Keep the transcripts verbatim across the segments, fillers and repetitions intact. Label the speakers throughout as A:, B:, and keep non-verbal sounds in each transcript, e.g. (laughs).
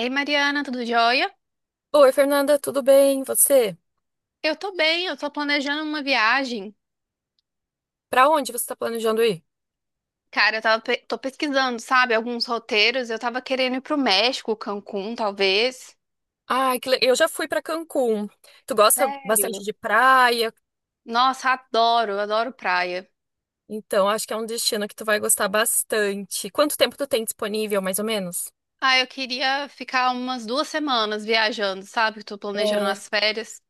A: Ei, Mariana, tudo jóia?
B: Oi, Fernanda, tudo bem? E você?
A: Eu tô bem, eu tô planejando uma viagem.
B: Pra onde você tá planejando ir?
A: Cara, eu tava, pe- tô pesquisando, sabe, alguns roteiros. Eu tava querendo ir pro México, Cancún, talvez.
B: Ai, que le- eu já fui pra Cancún. Tu gosta bastante
A: Sério?
B: de praia,
A: Nossa, adoro, adoro praia.
B: então acho que é um destino que tu vai gostar bastante. Quanto tempo tu tem disponível, mais ou menos?
A: Ah, eu queria ficar umas duas semanas viajando, sabe? Que tô planejando
B: É,
A: as férias.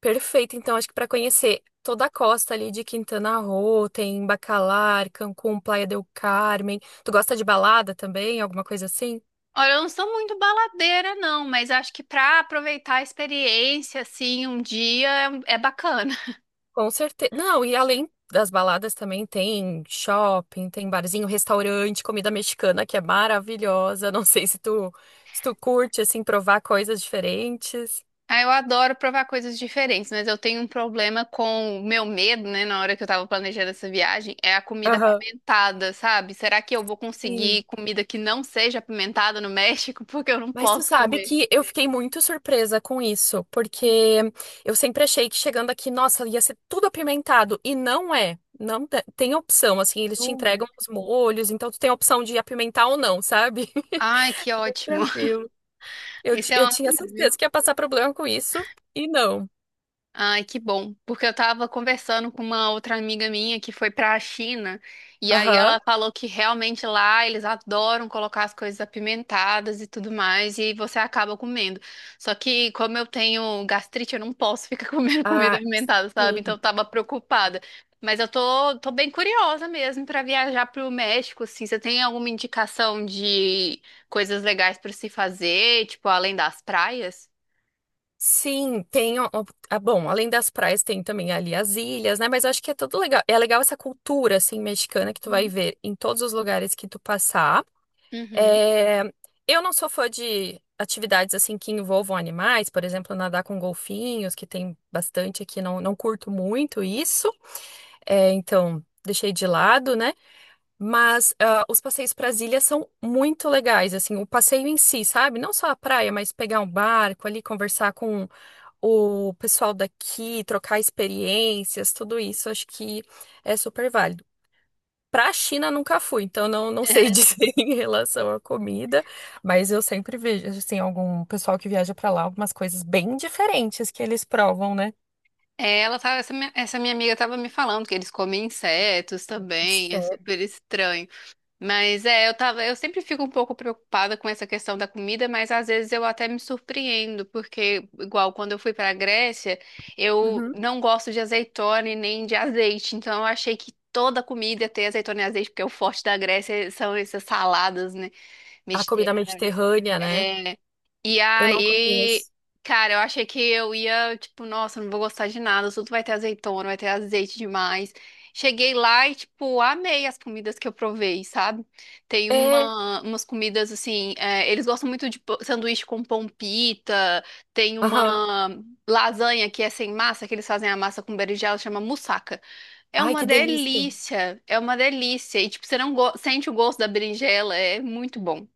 B: perfeito. Então acho que para conhecer toda a costa ali de Quintana Roo, tem Bacalar, Cancún, Playa del Carmen. Tu gosta de balada também, alguma coisa assim?
A: Olha, eu não sou muito baladeira, não, mas acho que pra aproveitar a experiência, assim, um dia é é bacana.
B: Com certeza. Não, e além das baladas também tem shopping, tem barzinho, restaurante, comida mexicana que é maravilhosa. Não sei se tu, se tu curte, assim, provar coisas diferentes.
A: Ah, eu adoro provar coisas diferentes, mas eu tenho um problema com o meu medo, né, na hora que eu tava planejando essa viagem, é a comida
B: Aham.
A: apimentada, sabe? Será que eu vou
B: Sim.
A: conseguir comida que não seja apimentada no México? (laughs) Porque eu não
B: Mas tu
A: posso
B: sabe
A: comer.
B: que eu fiquei muito surpresa com isso, porque eu sempre achei que chegando aqui, nossa, ia ser tudo apimentado. E não é. Não te- Tem opção, assim, eles te
A: Jura?
B: entregam os molhos, então tu tem a opção de apimentar ou não, sabe?
A: Ai, que
B: (laughs)
A: ótimo. (laughs)
B: Tranquilo. Eu, ti-
A: Isso é um
B: eu tinha
A: alívio.
B: certeza que ia passar problema com isso e não.
A: Ai, que bom, porque eu tava conversando com uma outra amiga minha que foi pra China, e aí
B: Aham.
A: ela falou que realmente lá eles adoram colocar as coisas apimentadas e tudo mais, e você acaba comendo. Só que como eu tenho gastrite, eu não posso ficar (laughs) comendo comida
B: Ah,
A: apimentada, sabe? Então
B: sim.
A: eu tava preocupada. Mas eu tô, tô bem curiosa mesmo pra viajar pro México, assim. Você tem alguma indicação de coisas legais pra se fazer, tipo, além das praias?
B: Sim, tem. o- o- Ah, bom, além das praias, tem também ali as ilhas, né? Mas eu acho que é tudo legal. É legal essa cultura, assim, mexicana que tu vai
A: Uhum.
B: ver em todos os lugares que tu passar.
A: Uhum.
B: É, eu não sou fã de atividades, assim, que envolvam animais, por exemplo, nadar com golfinhos, que tem bastante aqui, não, não curto muito isso. É, então, deixei de lado, né? Mas ah, os passeios para as ilhas são muito legais, assim, o passeio em si, sabe? Não só a praia, mas pegar um barco ali, conversar com o pessoal daqui, trocar experiências, tudo isso, acho que é super válido. Para a China nunca fui, então não, não sei (laughs)
A: (laughs)
B: dizer em relação à comida, mas eu sempre vejo, assim, algum pessoal que viaja para lá, algumas coisas bem diferentes que eles provam, né?
A: É, Ela tava, essa minha, essa minha amiga tava me falando que eles comem insetos também, é
B: Certo.
A: super estranho. Mas é, eu tava, eu sempre fico um pouco preocupada com essa questão da comida, mas às vezes eu até me surpreendo, porque igual quando eu fui para a Grécia, eu
B: Uhum.
A: não gosto de azeitona e nem de azeite, então eu achei que toda comida tem azeitona e azeite, porque o forte da Grécia são essas saladas, né,
B: A comida
A: mediterrâneas.
B: mediterrânea, né?
A: E
B: Eu não
A: aí,
B: conheço.
A: cara, eu achei que eu ia, tipo, nossa, não vou gostar de nada, tudo vai ter azeitona, vai ter azeite demais. Cheguei lá e, tipo, amei as comidas que eu provei, sabe? Tem
B: É,
A: uma, umas comidas assim, é, eles gostam muito de pô- sanduíche com pão pita, tem
B: aham.
A: uma lasanha que é sem massa, que eles fazem a massa com berinjela, chama moussaka. É
B: Ai,
A: uma
B: que delícia.
A: delícia, é uma delícia. E, tipo, você não go- sente o gosto da berinjela, é muito bom.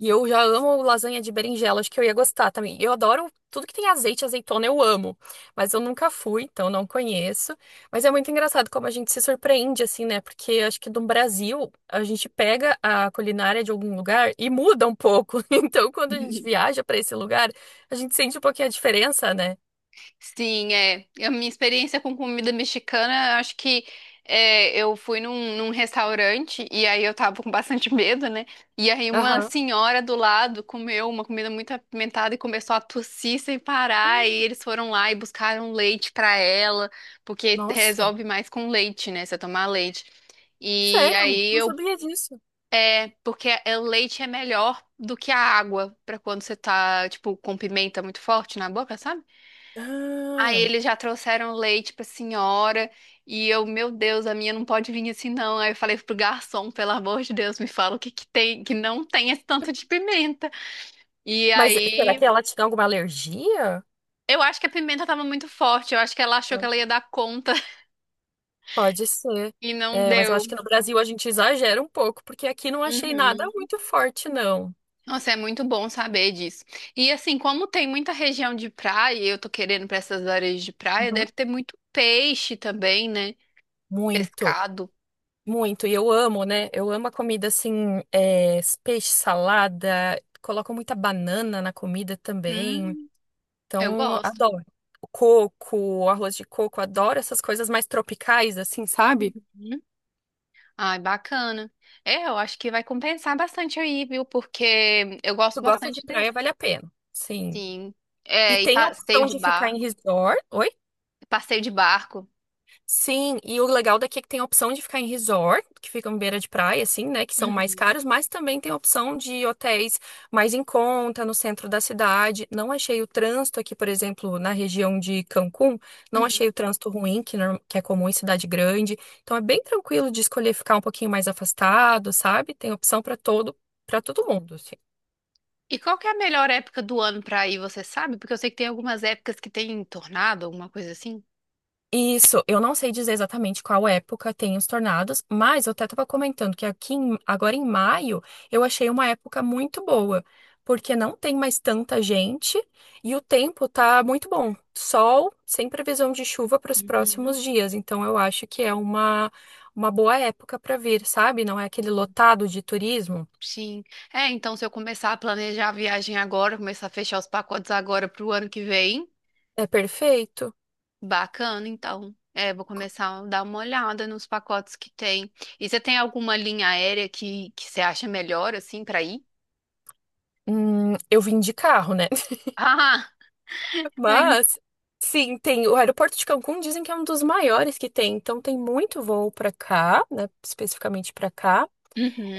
B: E eu já amo lasanha de berinjela, acho que eu ia gostar também. Eu adoro tudo que tem azeite, azeitona, eu amo. Mas eu nunca fui, então não conheço. Mas é muito engraçado como a gente se surpreende, assim, né? Porque acho que no Brasil a gente pega a culinária de algum lugar e muda um pouco. (laughs) Então, quando a gente
A: (laughs)
B: viaja pra esse lugar, a gente sente um pouquinho a diferença, né?
A: Sim, é. A minha experiência com comida mexicana, acho que é, eu fui num, num restaurante e aí eu tava com bastante (laughs) medo, né? E aí uma
B: Aham.
A: senhora do lado comeu uma comida muito apimentada e começou a tossir sem parar. E eles foram lá e buscaram leite pra ela, porque
B: Nossa,
A: resolve mais com leite, né? Você tomar leite. E
B: sério,
A: aí
B: não
A: eu.
B: sabia disso.
A: É, porque é- o leite é melhor do que a água pra quando você tá, tipo, com pimenta muito forte na boca, sabe? Aí
B: Ah.
A: eles já trouxeram leite pra senhora e eu, meu Deus, a minha não pode vir assim não. Aí eu falei pro garçom, pelo amor de Deus, me fala o que que tem, que não tem esse tanto de pimenta. E
B: Mas será
A: aí,
B: que ela tinha alguma alergia?
A: eu acho que a pimenta tava muito forte, eu acho que ela achou que ela ia dar conta (laughs)
B: Pode ser.
A: e não
B: É, mas eu acho
A: deu.
B: que no Brasil a gente exagera um pouco, porque aqui não achei nada
A: Uhum.
B: muito forte, não.
A: Nossa, é muito bom saber disso. E assim, como tem muita região de praia, e eu tô querendo pra essas áreas de praia,
B: Uhum.
A: deve ter muito peixe também, né?
B: Muito,
A: Pescado.
B: muito. E eu amo, né? Eu amo a comida assim, é, peixe, salada. Colocam muita banana na comida também.
A: Hum, eu
B: Então,
A: gosto.
B: adoro. O coco, o arroz de coco, adoro essas coisas mais tropicais, assim, sabe?
A: Ai, bacana. É, eu acho que vai compensar bastante aí, viu? Porque eu gosto
B: Tu gosta de
A: bastante desse.
B: praia, vale a pena. Sim.
A: Sim.
B: E
A: É, e
B: tem a
A: passeio
B: opção
A: de
B: de ficar em
A: barco.
B: resort. Oi.
A: Passeio de barco.
B: Sim, e o legal daqui é que tem a opção de ficar em resort, que ficam em beira de praia, assim, né? Que são mais
A: Uhum,
B: caros, mas também tem a opção de hotéis mais em conta, no centro da cidade. Não achei o trânsito aqui, por exemplo, na região de Cancún, não achei
A: uhum.
B: o trânsito ruim, que, norm- que é comum em cidade grande. Então é bem tranquilo de escolher ficar um pouquinho mais afastado, sabe? Tem opção para todo, para todo mundo, assim.
A: E qual que é a melhor época do ano pra ir, você sabe? Porque eu sei que tem algumas épocas que tem tornado, alguma coisa assim.
B: Isso, eu não sei dizer exatamente qual época tem os tornados, mas eu até estava comentando que aqui em- agora em maio eu achei uma época muito boa, porque não tem mais tanta gente e o tempo tá muito bom. Sol, sem previsão de chuva para os
A: Uhum.
B: próximos dias, então eu acho que é uma, uma boa época para vir, sabe? Não é aquele
A: Uhum.
B: lotado de turismo.
A: Sim. É, então se eu começar a planejar a viagem agora, começar a fechar os pacotes agora pro ano que vem,
B: É perfeito.
A: bacana, então. É, vou começar a dar uma olhada nos pacotes que tem. E você tem alguma linha aérea que, que você acha melhor, assim, para ir?
B: Hum, eu vim de carro, né?
A: (laughs) Ah, é. em-
B: Mas, sim, tem o aeroporto de Cancún, dizem que é um dos maiores que tem, então tem muito voo para cá, né, especificamente para cá.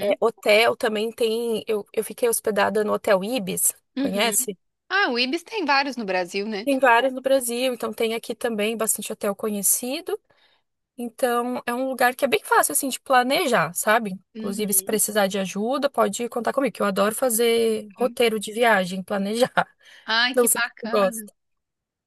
B: É, hotel também tem, eu, eu fiquei hospedada no Hotel Ibis,
A: uhum.
B: conhece?
A: Ah, o Ibis tem vários no Brasil, né?
B: Tem vários no Brasil, então tem aqui também bastante hotel conhecido. Então, é um lugar que é bem fácil, assim, de planejar, sabe? Inclusive, se
A: Uhum.
B: precisar de ajuda, pode contar comigo, que eu adoro fazer roteiro de viagem, planejar.
A: Ai,
B: (laughs) Não
A: que
B: sei se tu
A: bacana.
B: gosta.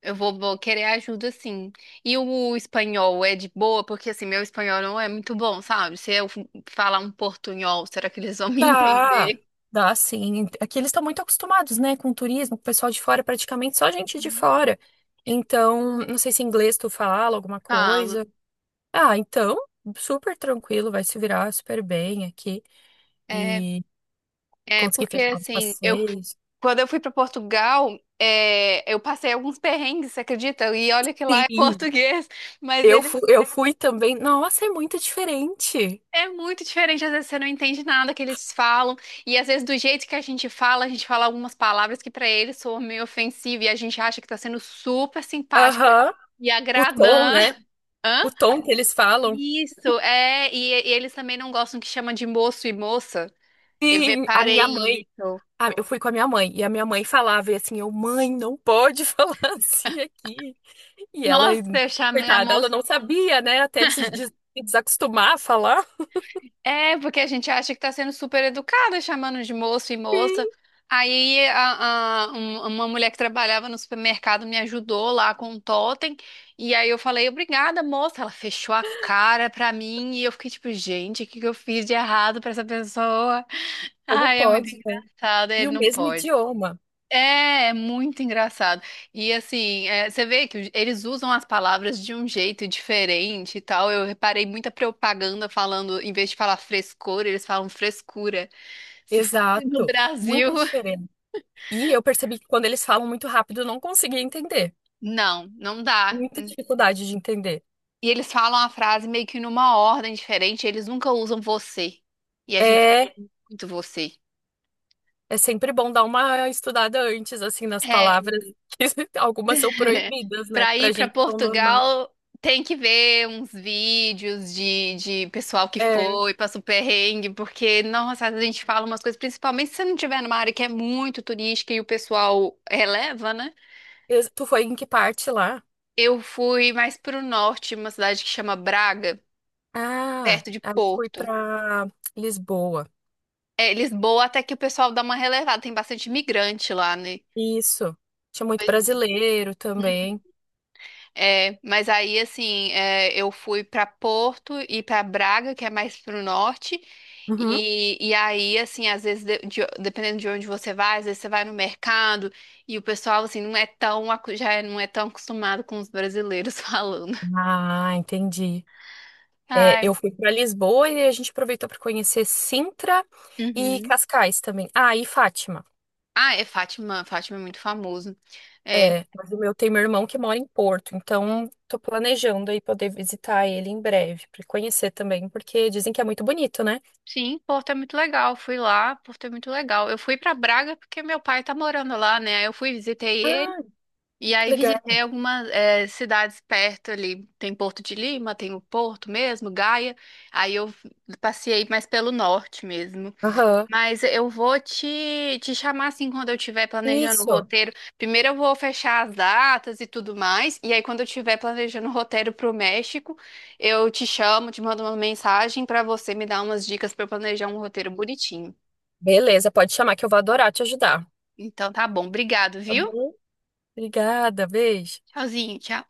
A: Eu vou, vou querer ajuda, sim. E o espanhol é de boa? Porque, assim, meu espanhol não é muito bom, sabe? Se eu falar um portunhol, será que eles vão (laughs) me
B: Dá,
A: entender?
B: dá sim. Aqui eles estão muito acostumados, né, com o turismo, com o pessoal de fora, praticamente só gente de fora. Então, não sei se em inglês tu fala alguma
A: Falo.
B: coisa. Ah, então, super tranquilo, vai se virar super bem aqui
A: É,
B: e
A: é
B: conseguir
A: porque
B: fechar os
A: assim, eu
B: passeios.
A: quando eu fui para Portugal, é, eu passei alguns perrengues, você acredita? E olha que lá é (laughs)
B: Sim,
A: português, mas
B: eu
A: ele
B: fui, eu fui também. Nossa, é muito diferente.
A: é muito diferente. Às vezes você não entende nada que eles falam, e às vezes do jeito que a gente fala, a gente fala algumas palavras que para eles soam meio ofensiva e a gente acha que tá sendo super simpática
B: Aham,
A: e
B: O tom,
A: agradando.
B: né?
A: (laughs) Hã?
B: O tom que eles falam.
A: Isso, é, e, e eles também não gostam que chama de moço e moça. Eu
B: Sim, a
A: reparei
B: minha mãe.
A: isso.
B: Ah, eu fui com a minha mãe e a minha mãe falava e assim, eu, mãe, não pode (laughs) falar assim aqui. E ela,
A: Nossa, eu chamei a
B: coitada, ela
A: moça.
B: não sabia, né? Até de se de se desacostumar a falar.
A: É, porque a gente acha que tá sendo super educada, chamando de moço e
B: Sim.
A: moça. Aí a- a- um- uma mulher que trabalhava no supermercado me ajudou lá com um totem. E aí eu falei, obrigada, moça. Ela fechou a cara pra mim e eu fiquei tipo, gente, o que que eu fiz de errado pra essa pessoa? (laughs)
B: Como
A: Ai, é muito
B: pode, né?
A: engraçado,
B: E
A: ele
B: o
A: não
B: mesmo
A: pode.
B: idioma.
A: É, é muito engraçado. E assim, é, você vê que eles usam as palavras de um jeito diferente e tal. Eu reparei muita propaganda falando, em vez de falar frescor, eles falam frescura. Se fosse no
B: Exato.
A: Brasil,
B: Muita
A: (laughs)
B: diferença. E eu percebi que quando eles falam muito rápido, eu não conseguia entender.
A: não, não dá.
B: Muita dificuldade de entender.
A: E eles falam a frase meio que numa ordem diferente, eles nunca usam você. E a gente
B: É,
A: usa muito você.
B: é sempre bom dar uma estudada antes, assim, nas
A: É,
B: palavras, (laughs) que algumas são proibidas, né? Que
A: para ir
B: pra
A: para
B: gente é tão normal.
A: Portugal, tem que ver uns vídeos de, de pessoal que
B: É.
A: foi, passou perrengue, porque, nossa, a gente fala umas coisas, principalmente se você não estiver numa área que é muito turística e o pessoal releva, né?
B: Eu- tu foi em que parte lá?
A: Eu fui mais pro norte, uma cidade que chama Braga,
B: Ah,
A: perto de
B: aí eu fui
A: Porto.
B: pra Lisboa.
A: É, Lisboa, até que o pessoal dá uma relevada, tem bastante imigrante lá, né?
B: Isso. Tinha muito
A: Pois
B: brasileiro
A: é.
B: também.
A: É, mas aí assim, é, eu fui pra Porto e pra Braga, que é mais pro norte.
B: Uhum.
A: E, e aí, assim, às vezes, de- de- dependendo de onde você vai, às vezes você vai no mercado e o pessoal, assim, não é tão, acu- já é, não é tão acostumado com os brasileiros (laughs) falando.
B: Ah, entendi. É, eu
A: Ai,
B: fui para Lisboa e a gente aproveitou para conhecer Sintra e
A: uhum.
B: Cascais também. Ah, e Fátima.
A: Ah, é Fátima. Fátima é muito famoso. É,
B: É, mas o meu tem meu irmão que mora em Porto, então tô planejando aí poder visitar ele em breve para conhecer também, porque dizem que é muito bonito, né?
A: sim, Porto é muito legal. Fui lá, Porto é muito legal. Eu fui pra Braga porque meu pai tá morando lá, né? Aí eu fui, visitei.
B: Ah,
A: E
B: que
A: aí visitei
B: legal.
A: algumas eh, cidades perto ali. Tem Porto de Lima, tem o Porto mesmo, Gaia. Aí eu passei mais pelo norte mesmo.
B: Aham.
A: Mas eu vou te, te chamar assim quando eu estiver planejando o
B: Isso.
A: roteiro. Primeiro eu vou fechar as datas e tudo mais. E aí quando eu estiver planejando o roteiro pro México, eu te chamo, te mando uma mensagem para você me dar umas dicas para planejar um roteiro bonitinho.
B: Beleza, pode chamar que eu vou adorar te ajudar.
A: Então tá bom, obrigado,
B: Tá
A: viu?
B: bom? Obrigada, beijo. Tchau.
A: Tchauzinho, tchau.